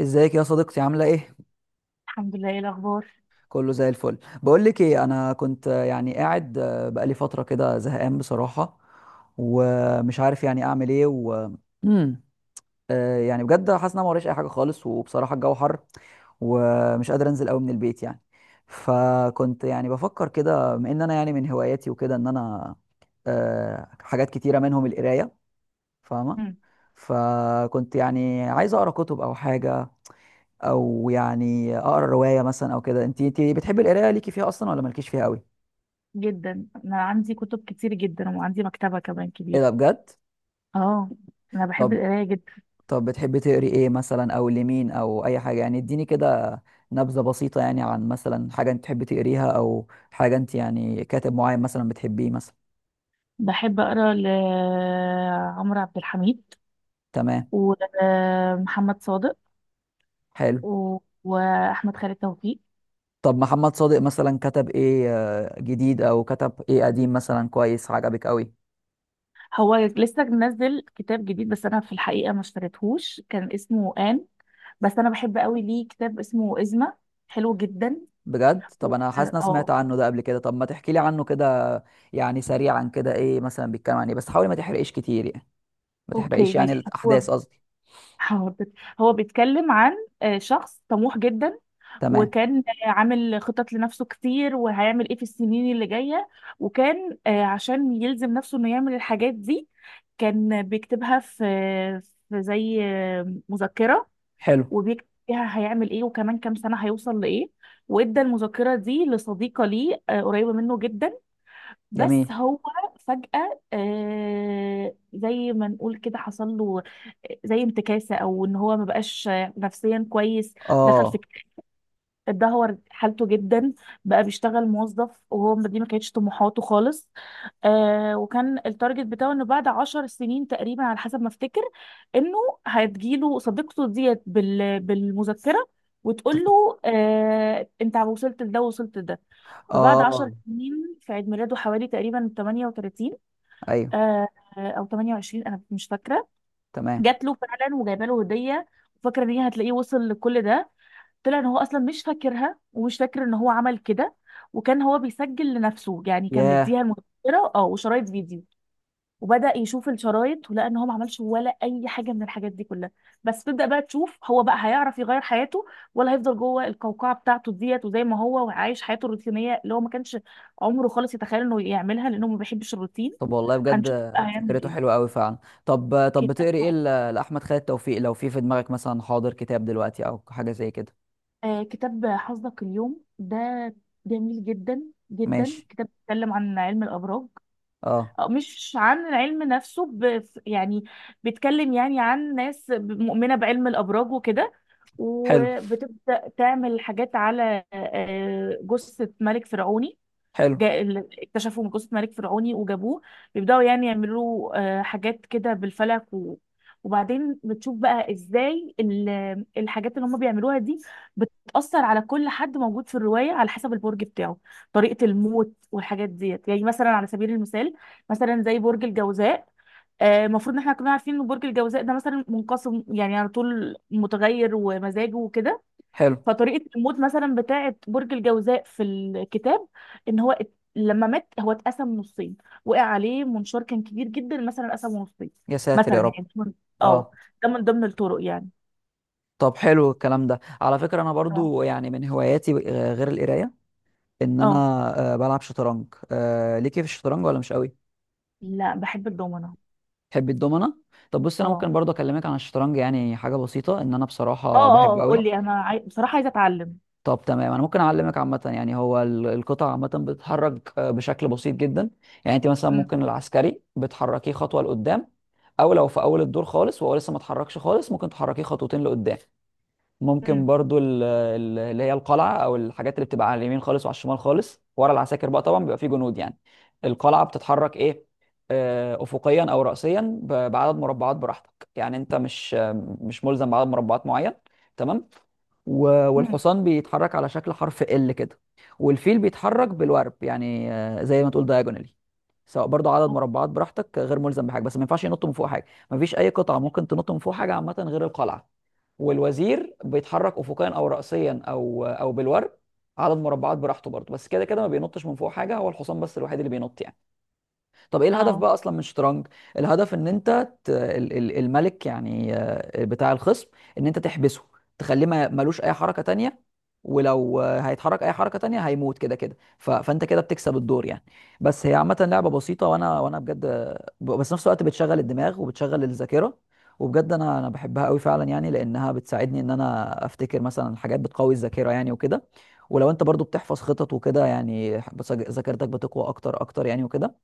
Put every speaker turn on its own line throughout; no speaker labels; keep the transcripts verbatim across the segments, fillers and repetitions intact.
ازيك يا صديقتي؟ عامله ايه؟
الحمد لله، ايه الاخبار؟
كله زي الفل. بقول لك ايه، انا كنت آه، يعني قاعد، آه، بقالي فتره كده زهقان بصراحه، ومش عارف يعني اعمل ايه و مم. آه، يعني بجد حاسس ان انا ما وريش اي حاجه خالص، وبصراحه الجو حر ومش قادر انزل قوي من البيت يعني. فكنت يعني بفكر كده، بما ان انا يعني من هواياتي وكده ان انا آه، حاجات كتيره منهم القرايه، فاهمه؟
مم.
فكنت يعني عايز اقرا كتب او حاجه، او يعني اقرا روايه مثلا او كده. انت انت بتحبي القرايه، ليكي فيها اصلا ولا مالكيش فيها قوي؟
جدا. انا عندي كتب كتير جدا، وعندي مكتبه كمان
ايه
كبيره.
ده بجد؟
اه، انا بحب
طب
القرايه جدا.
طب بتحبي تقري ايه مثلا، او لمين، او اي حاجه يعني؟ اديني كده نبذه بسيطه يعني عن مثلا حاجه انت تحبي تقريها، او حاجه انت يعني كاتب معين مثلا بتحبيه مثلا.
بحب اقرا لعمرو عبد الحميد
تمام.
ومحمد صادق
حلو.
و... واحمد خالد توفيق.
طب محمد صادق مثلا كتب ايه آه، جديد او كتب ايه قديم مثلا كويس عجبك قوي؟
هو لسه منزل كتاب جديد، بس انا في الحقيقه ما اشتريتهوش، كان اسمه آن. بس انا بحب قوي ليه كتاب اسمه إزمة، حلو جدا.
بجد؟
و...
طب انا حاسس إن انا سمعت
اه،
عنه ده قبل كده. طب ما تحكي لي عنه كده، يعني سريعا كده، ايه مثلا بيتكلم عن ايه؟ بس حاول ما تحرقش كتير يعني، ما تحرقش
اوكي
يعني
ماشي، هو
الاحداث قصدي.
حاضر. هو بيتكلم عن آه، شخص طموح جدا.
تمام.
وكان عامل خطط لنفسه كتير، وهيعمل ايه في السنين اللي جاية. وكان آه، عشان يلزم نفسه انه يعمل الحاجات دي، كان بيكتبها في في زي آه، مذكرة.
حلو.
وبيكتب فيها هيعمل ايه، وكمان كام سنة هيوصل لإيه. وادى المذكرة دي لصديقة ليه، آه، قريبة منه جدا.
جميل.
بس هو فجأة، آه، زي ما نقول كده، حصل له آه، زي انتكاسة، او ان هو ما بقاش نفسيا كويس. دخل في،
اه.
اتدهور حالته جدا. بقى بيشتغل موظف، وهو ما- دي ما كانتش طموحاته خالص. آه وكان التارجت بتاعه انه بعد عشر سنين تقريبا، على حسب ما افتكر، انه هتجيله صديقته ديت بال بالمذكرة، وتقول
تف-
له، آه انت وصلت لده، وصلت لده. فبعد
اه.
عشر سنين، في عيد ميلاده حوالي تقريبا تمانية وتلاتين،
ايوه.
آه او تمانية وعشرين، انا مش فاكرة،
تمام.
جات له فعلا وجايبه له هدية، وفاكرة ان هي هتلاقيه وصل لكل ده. طلع ان هو اصلا مش فاكرها، ومش فاكر ان هو عمل كده، وكان هو بيسجل لنفسه، يعني كان
ياه.
مديها المذكره اه وشرايط فيديو. وبدأ يشوف الشرايط ولقى ان هو ما عملش ولا اي حاجه من الحاجات دي كلها. بس تبدأ بقى تشوف، هو بقى هيعرف يغير حياته، ولا هيفضل جوه القوقعه بتاعته ديت، وزي ما هو وعايش حياته الروتينيه اللي هو ما كانش عمره خالص يتخيل انه يعملها، لانه ما بيحبش الروتين.
طب والله بجد
هنشوف بقى هيعمل
فكرته حلوه
ايه.
قوي فعلا. طب طب
كتاب،
بتقري ايه ل- لاحمد خالد توفيق، لو في في دماغك مثلا حاضر كتاب دلوقتي او حاجه زي كده؟
آه، كتاب حظك اليوم ده، جميل جدا جدا.
ماشي.
كتاب بيتكلم عن علم الأبراج،
اه.
آه، مش عن العلم نفسه، ب... يعني بيتكلم يعني عن ناس مؤمنة بعلم الأبراج وكده،
حلو.
وبتبدأ تعمل حاجات على آه، جثة ملك فرعوني.
حلو.
جا- ال- اكتشفوا من جثة ملك فرعوني وجابوه، بيبدأوا يعني يعملوا آه، حاجات كده بالفلك. و... وبعدين بتشوف بقى ازاي ال- الحاجات اللي هم بيعملوها دي بتأثر على كل حد موجود في الرواية على حسب البرج بتاعه، طريقة الموت والحاجات ديت. يعني مثلا، على سبيل المثال، مثلا زي برج الجوزاء، آه، المفروض ان احنا كنا عارفين ان برج الجوزاء ده مثلا منقسم، يعني على طول متغير ومزاجه وكده.
حلو.
فطريقة الموت مثلا بتاعة برج الجوزاء في الكتاب، ان هو ات- لما مات هو اتقسم نصين، وقع عليه منشار كان كبير جدا، مثلا قسمه نصين.
يا ساتر
مثلا
يا رب.
يعني ده من- اه،
اه.
ده من ضمن الطرق يعني.
طب حلو الكلام ده. على فكرة أنا
اه،
برضو يعني من هواياتي آه، غير القراية إن أنا
اه،
آه، بلعب شطرنج. آه، ليكي في الشطرنج ولا مش قوي؟
لا، بحب الدومنة.
تحبي الدومنة؟ طب بص، أنا ممكن
اه،
برضو أكلمك عن الشطرنج، يعني حاجة بسيطة، إن أنا
اه،
بصراحة
اه،
بحبه
اه، قول. طب
قوي.
لي انا عاي... بصراحة عايزة اتعلم.
طب تمام، أنا ممكن أعلمك. عامة يعني هو ال- القطع عامة بتتحرك آه، بشكل بسيط جدا. يعني أنت مثلا
امم.
ممكن العسكري بتحركيه خطوة لقدام، أو لو في أول الدور خالص وهو لسه ما اتحركش خالص، ممكن تحركيه خطوتين لقدام. ممكن
امم.
برضو ال- ال- اللي هي القلعه، او الحاجات اللي بتبقى على اليمين خالص وعلى الشمال خالص ورا العساكر. بقى طبعا بيبقى فيه جنود يعني. القلعه بتتحرك ايه؟ آه، افقيا او راسيا ب- بعدد مربعات براحتك، يعني انت مش مش ملزم بعدد مربعات معين. تمام. و-
امم.
والحصان بيتحرك على شكل حرف ال كده. والفيل بيتحرك بالورب، يعني آه، زي ما تقول دايجونالي، سواء برضو عدد مربعات براحتك غير ملزم بحاجه. بس ما ينفعش ينط من فوق حاجه، ما فيش اي قطعه ممكن تنط من فوق حاجه عامه غير القلعه. والوزير بيتحرك افقيا او راسيا او آه، او بالورب، عدد مربعات براحته برضو. بس كده كده ما بينطش من فوق حاجه، هو الحصان بس الوحيد اللي بينط يعني. طب ايه الهدف
اه.
بقى اصلا من الشطرنج؟ الهدف ان انت ت... ال- ال- الملك يعني آه، بتاع الخصم، ان انت تحبسه، تخليه ما ملوش اي حركة تانية، ولو آه، هيتحرك اي حركة تانية هيموت كده كده. ف... فانت كده بتكسب الدور يعني. بس هي عامة لعبة بسيطة. وانا وانا بجد آه، ب- بس نفس الوقت بتشغل الدماغ وبتشغل الذاكرة، وبجد انا انا بحبها قوي فعلا، يعني لانها بتساعدني ان انا افتكر مثلا حاجات بتقوي الذاكرة يعني وكده. ولو انت برضو بتحفظ خطط وكده يعني، بس- ذاكرتك بتقوى اكتر اكتر يعني وكده.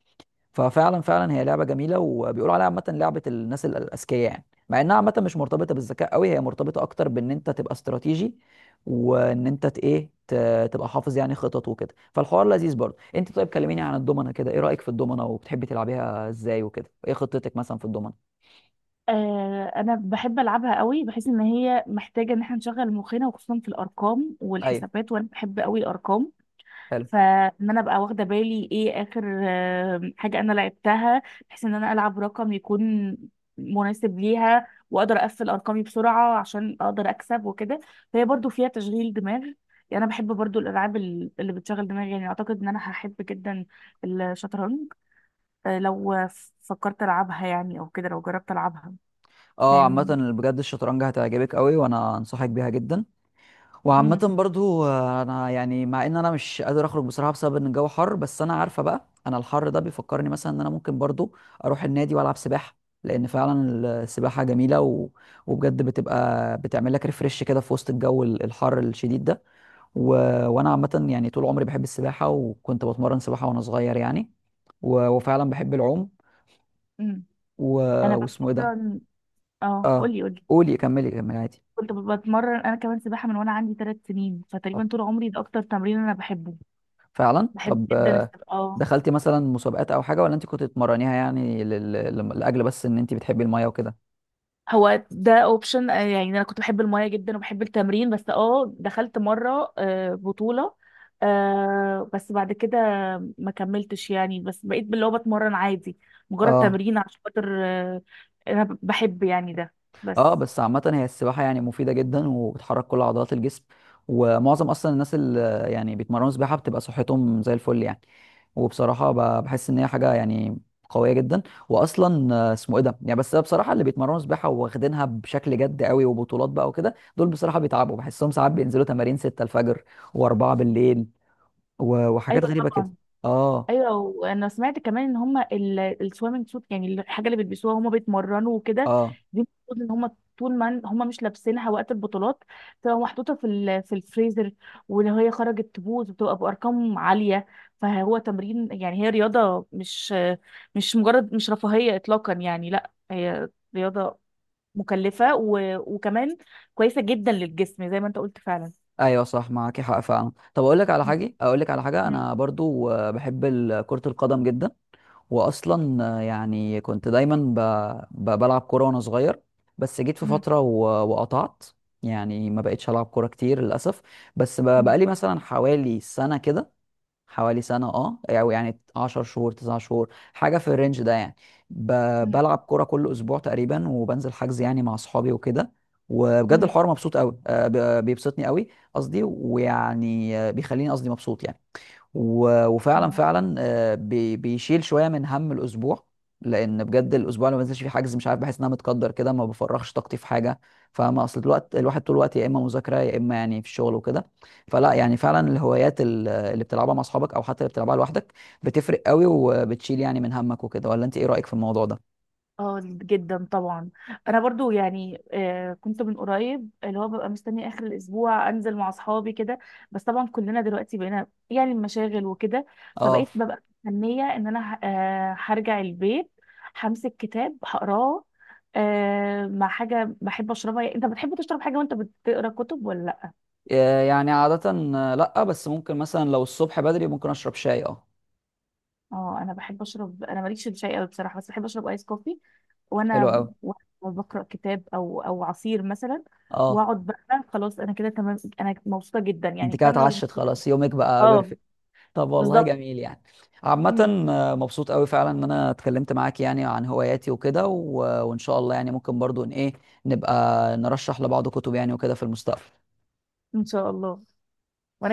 ففعلا فعلا هي لعبه جميله، وبيقولوا عليها عامه لعبه الناس ال- الاذكياء، يعني مع انها عامه مش مرتبطه بالذكاء قوي، هي مرتبطه اكتر بان انت تبقى استراتيجي، وان انت ت- ايه ت- تبقى حافظ يعني خطط وكده. فالحوار لذيذ برضه. انت طيب كلميني عن الضمنه كده، ايه رايك في الضمنه؟ وبتحبي تلعبيها ازاي وكده؟ ايه خطتك مثلا في الضمنه؟
آه، انا بحب العبها قوي، بحيث ان هي محتاجه ان احنا نشغل مخنا، وخصوصا في الارقام
ايوه.
والحسابات، وانا بحب قوي الارقام.
حلو.
فان انا ابقى واخده بالي ايه اخر آه، حاجه انا لعبتها، بحيث ان انا العب رقم يكون مناسب ليها، واقدر اقفل ارقامي بسرعه عشان اقدر اكسب وكده. فهي برضو فيها تشغيل دماغ. يعني انا بحب برضو الالعاب ال- اللي بتشغل دماغي، يعني اعتقد ان انا هحب جدا الشطرنج، آه، لو فكرت العبها، يعني او كده لو جربت العبها
اه عامه
يعني.
بجد الشطرنج هتعجبك قوي، وانا انصحك بيها جدا. وعامة
مم.
برضو آه، انا يعني مع ان انا مش قادر اخرج بصراحة بسبب ان الجو حر، بس انا عارفة بقى، انا الحر ده بيفكرني مثلا ان انا ممكن برضو اروح النادي والعب سباحة. لان فعلا السباحة جميلة، و... وبجد بتبقى بتعمل لك ريفرش كده في وسط الجو ال- الحر الشديد ده. و... وانا عامة يعني طول عمري بحب السباحة، وكنت بتمرن سباحة وانا صغير يعني. و... وفعلا بحب العوم.
مم.
و...
انا
واسمه ايه ده.
بتمرن. اه،
اه
قولي قولي.
قولي كملي كملي عادي.
كنت ب- بتمرن انا كمان سباحه من وانا عندي ثلاث سنين، فتقريبا طول عمري ده اكتر تمرين انا بحبه.
فعلا
بحب
طب
جدا
آه،
السباحه، اه.
دخلتي مثلا مسابقات او حاجه، ولا انت كنت بتتمرنيها يعني لل... لل- لاجل بس ان انت بتحبي الميه وكده؟
هو ده اوبشن، يعني انا كنت بحب المايه جدا وبحب التمرين، بس اه دخلت مره آه، بطوله. آه، بس بعد كده ما كملتش، يعني بس بقيت اللي هو بتمرن عادي، مجرد
اه.
تمرين، عشان خاطر آه، انا بحب يعني ده،
اه
بس.
بس عامه هي السباحه يعني مفيده جدا، وبتحرك كل عضلات الجسم، ومعظم اصلا الناس اللي يعني بيتمرنوا سباحه بتبقى صحتهم زي الفل يعني. وبصراحه ب- بحس ان هي حاجه يعني قويه جدا. واصلا آه، اسمه ايه ده، يعني بس بصراحه اللي بيتمرنوا سباحه واخدينها بشكل جد قوي وبطولات بقى وكده، دول بصراحه بيتعبوا، بحسهم ساعات بينزلوا تمارين 6 الفجر و4 بالليل، و-
ايوه
وحاجات غريبه كده.
طبعا.
اه.
ايوه، وانا سمعت كمان ان هم السويمنج سوت، يعني الحاجه اللي بيلبسوها هم بيتمرنوا وكده
اه.
دي، المفروض ان هم طول ما هم مش لابسينها وقت البطولات بتبقى محطوطه في ال- في الفريزر، ولو هي خرجت تبوظ بتبقى بارقام عاليه. فهو تمرين، يعني هي رياضه مش مش مجرد، مش رفاهيه اطلاقا، يعني لا، هي رياضه مكلفه، و... وكمان كويسه جدا للجسم زي ما انت قلت فعلا.
ايوه صح، معاك حق فعلا. طب اقول لك على حاجه، اقول لك على حاجه،
مم.
انا برضو آه، بحب ال- كره القدم جدا. واصلا آه، يعني كنت دايما ب... ب... بلعب كوره وانا صغير، بس جيت في
مم.
فتره و... وقطعت، يعني ما بقتش العب كوره كتير للاسف. بس ب...
مم.
بقالي مثلا حوالي سنه كده، حوالي سنة اه، او يعني 10 شهور 9 شهور، حاجة في الرينج ده يعني، ب... بلعب كورة كل اسبوع تقريبا، وبنزل حجز يعني مع اصحابي وكده. وبجد
مم.
الحوار مبسوط قوي، آه، ب- بيبسطني قوي قصدي، ويعني آه، بيخليني قصدي مبسوط يعني. و- وفعلا
مم.
فعلا آه، بي- بيشيل شويه من هم الاسبوع، لان بجد الاسبوع اللي ما بنزلش فيه حجز مش عارف بحس ان انا متقدر كده، ما بفرغش طاقتي في حاجه. فما اصل الوقت الواحد طول الوقت يا اما مذاكره يا اما يعني في الشغل وكده. فلا يعني فعلا الهوايات ال- اللي بتلعبها مع اصحابك او حتى اللي بتلعبها لوحدك بتفرق قوي، وبتشيل يعني من همك وكده. ولا انت ايه رايك في الموضوع ده؟
اه، جدا طبعا. انا برضو يعني، آه، كنت من قريب اللي هو ببقى مستنيه اخر الاسبوع انزل مع اصحابي كده، بس طبعا كلنا دلوقتي بقينا يعني مشاغل وكده.
اه
فبقيت ببقى مستنيه ان انا ه- آه، هرجع البيت، همسك كتاب هقراه، آه، مع حاجه بحب اشربها. يعني انت بتحب تشرب حاجه وانت بتقرا كتب ولا لا؟
آه، يعني عاده آه، لا، بس ممكن مثلا لو الصبح بدري ممكن اشرب شاي اه.
اه، انا بحب اشرب، انا ماليش في الشاي قوي بصراحه، بس بحب اشرب ايس كوفي،
حلو
وانا
قوي.
وانا بقرا كتاب، او او عصير مثلا،
اه
واقعد بقى خلاص، انا كده تمام، انا مبسوطه جدا
انت
يعني
كده
فانا.
اتعشت خلاص، يومك بقى
اه،
بيرفكت. طب والله
بالظبط.
جميل يعني.
مم.
عامة آه، مبسوط قوي فعلا ان انا اتكلمت معاك يعني عن هواياتي وكده. و... وان شاء الله يعني ممكن برضو ان ايه، نبقى نرشح لبعض كتب يعني وكده في المستقبل.
ان شاء الله.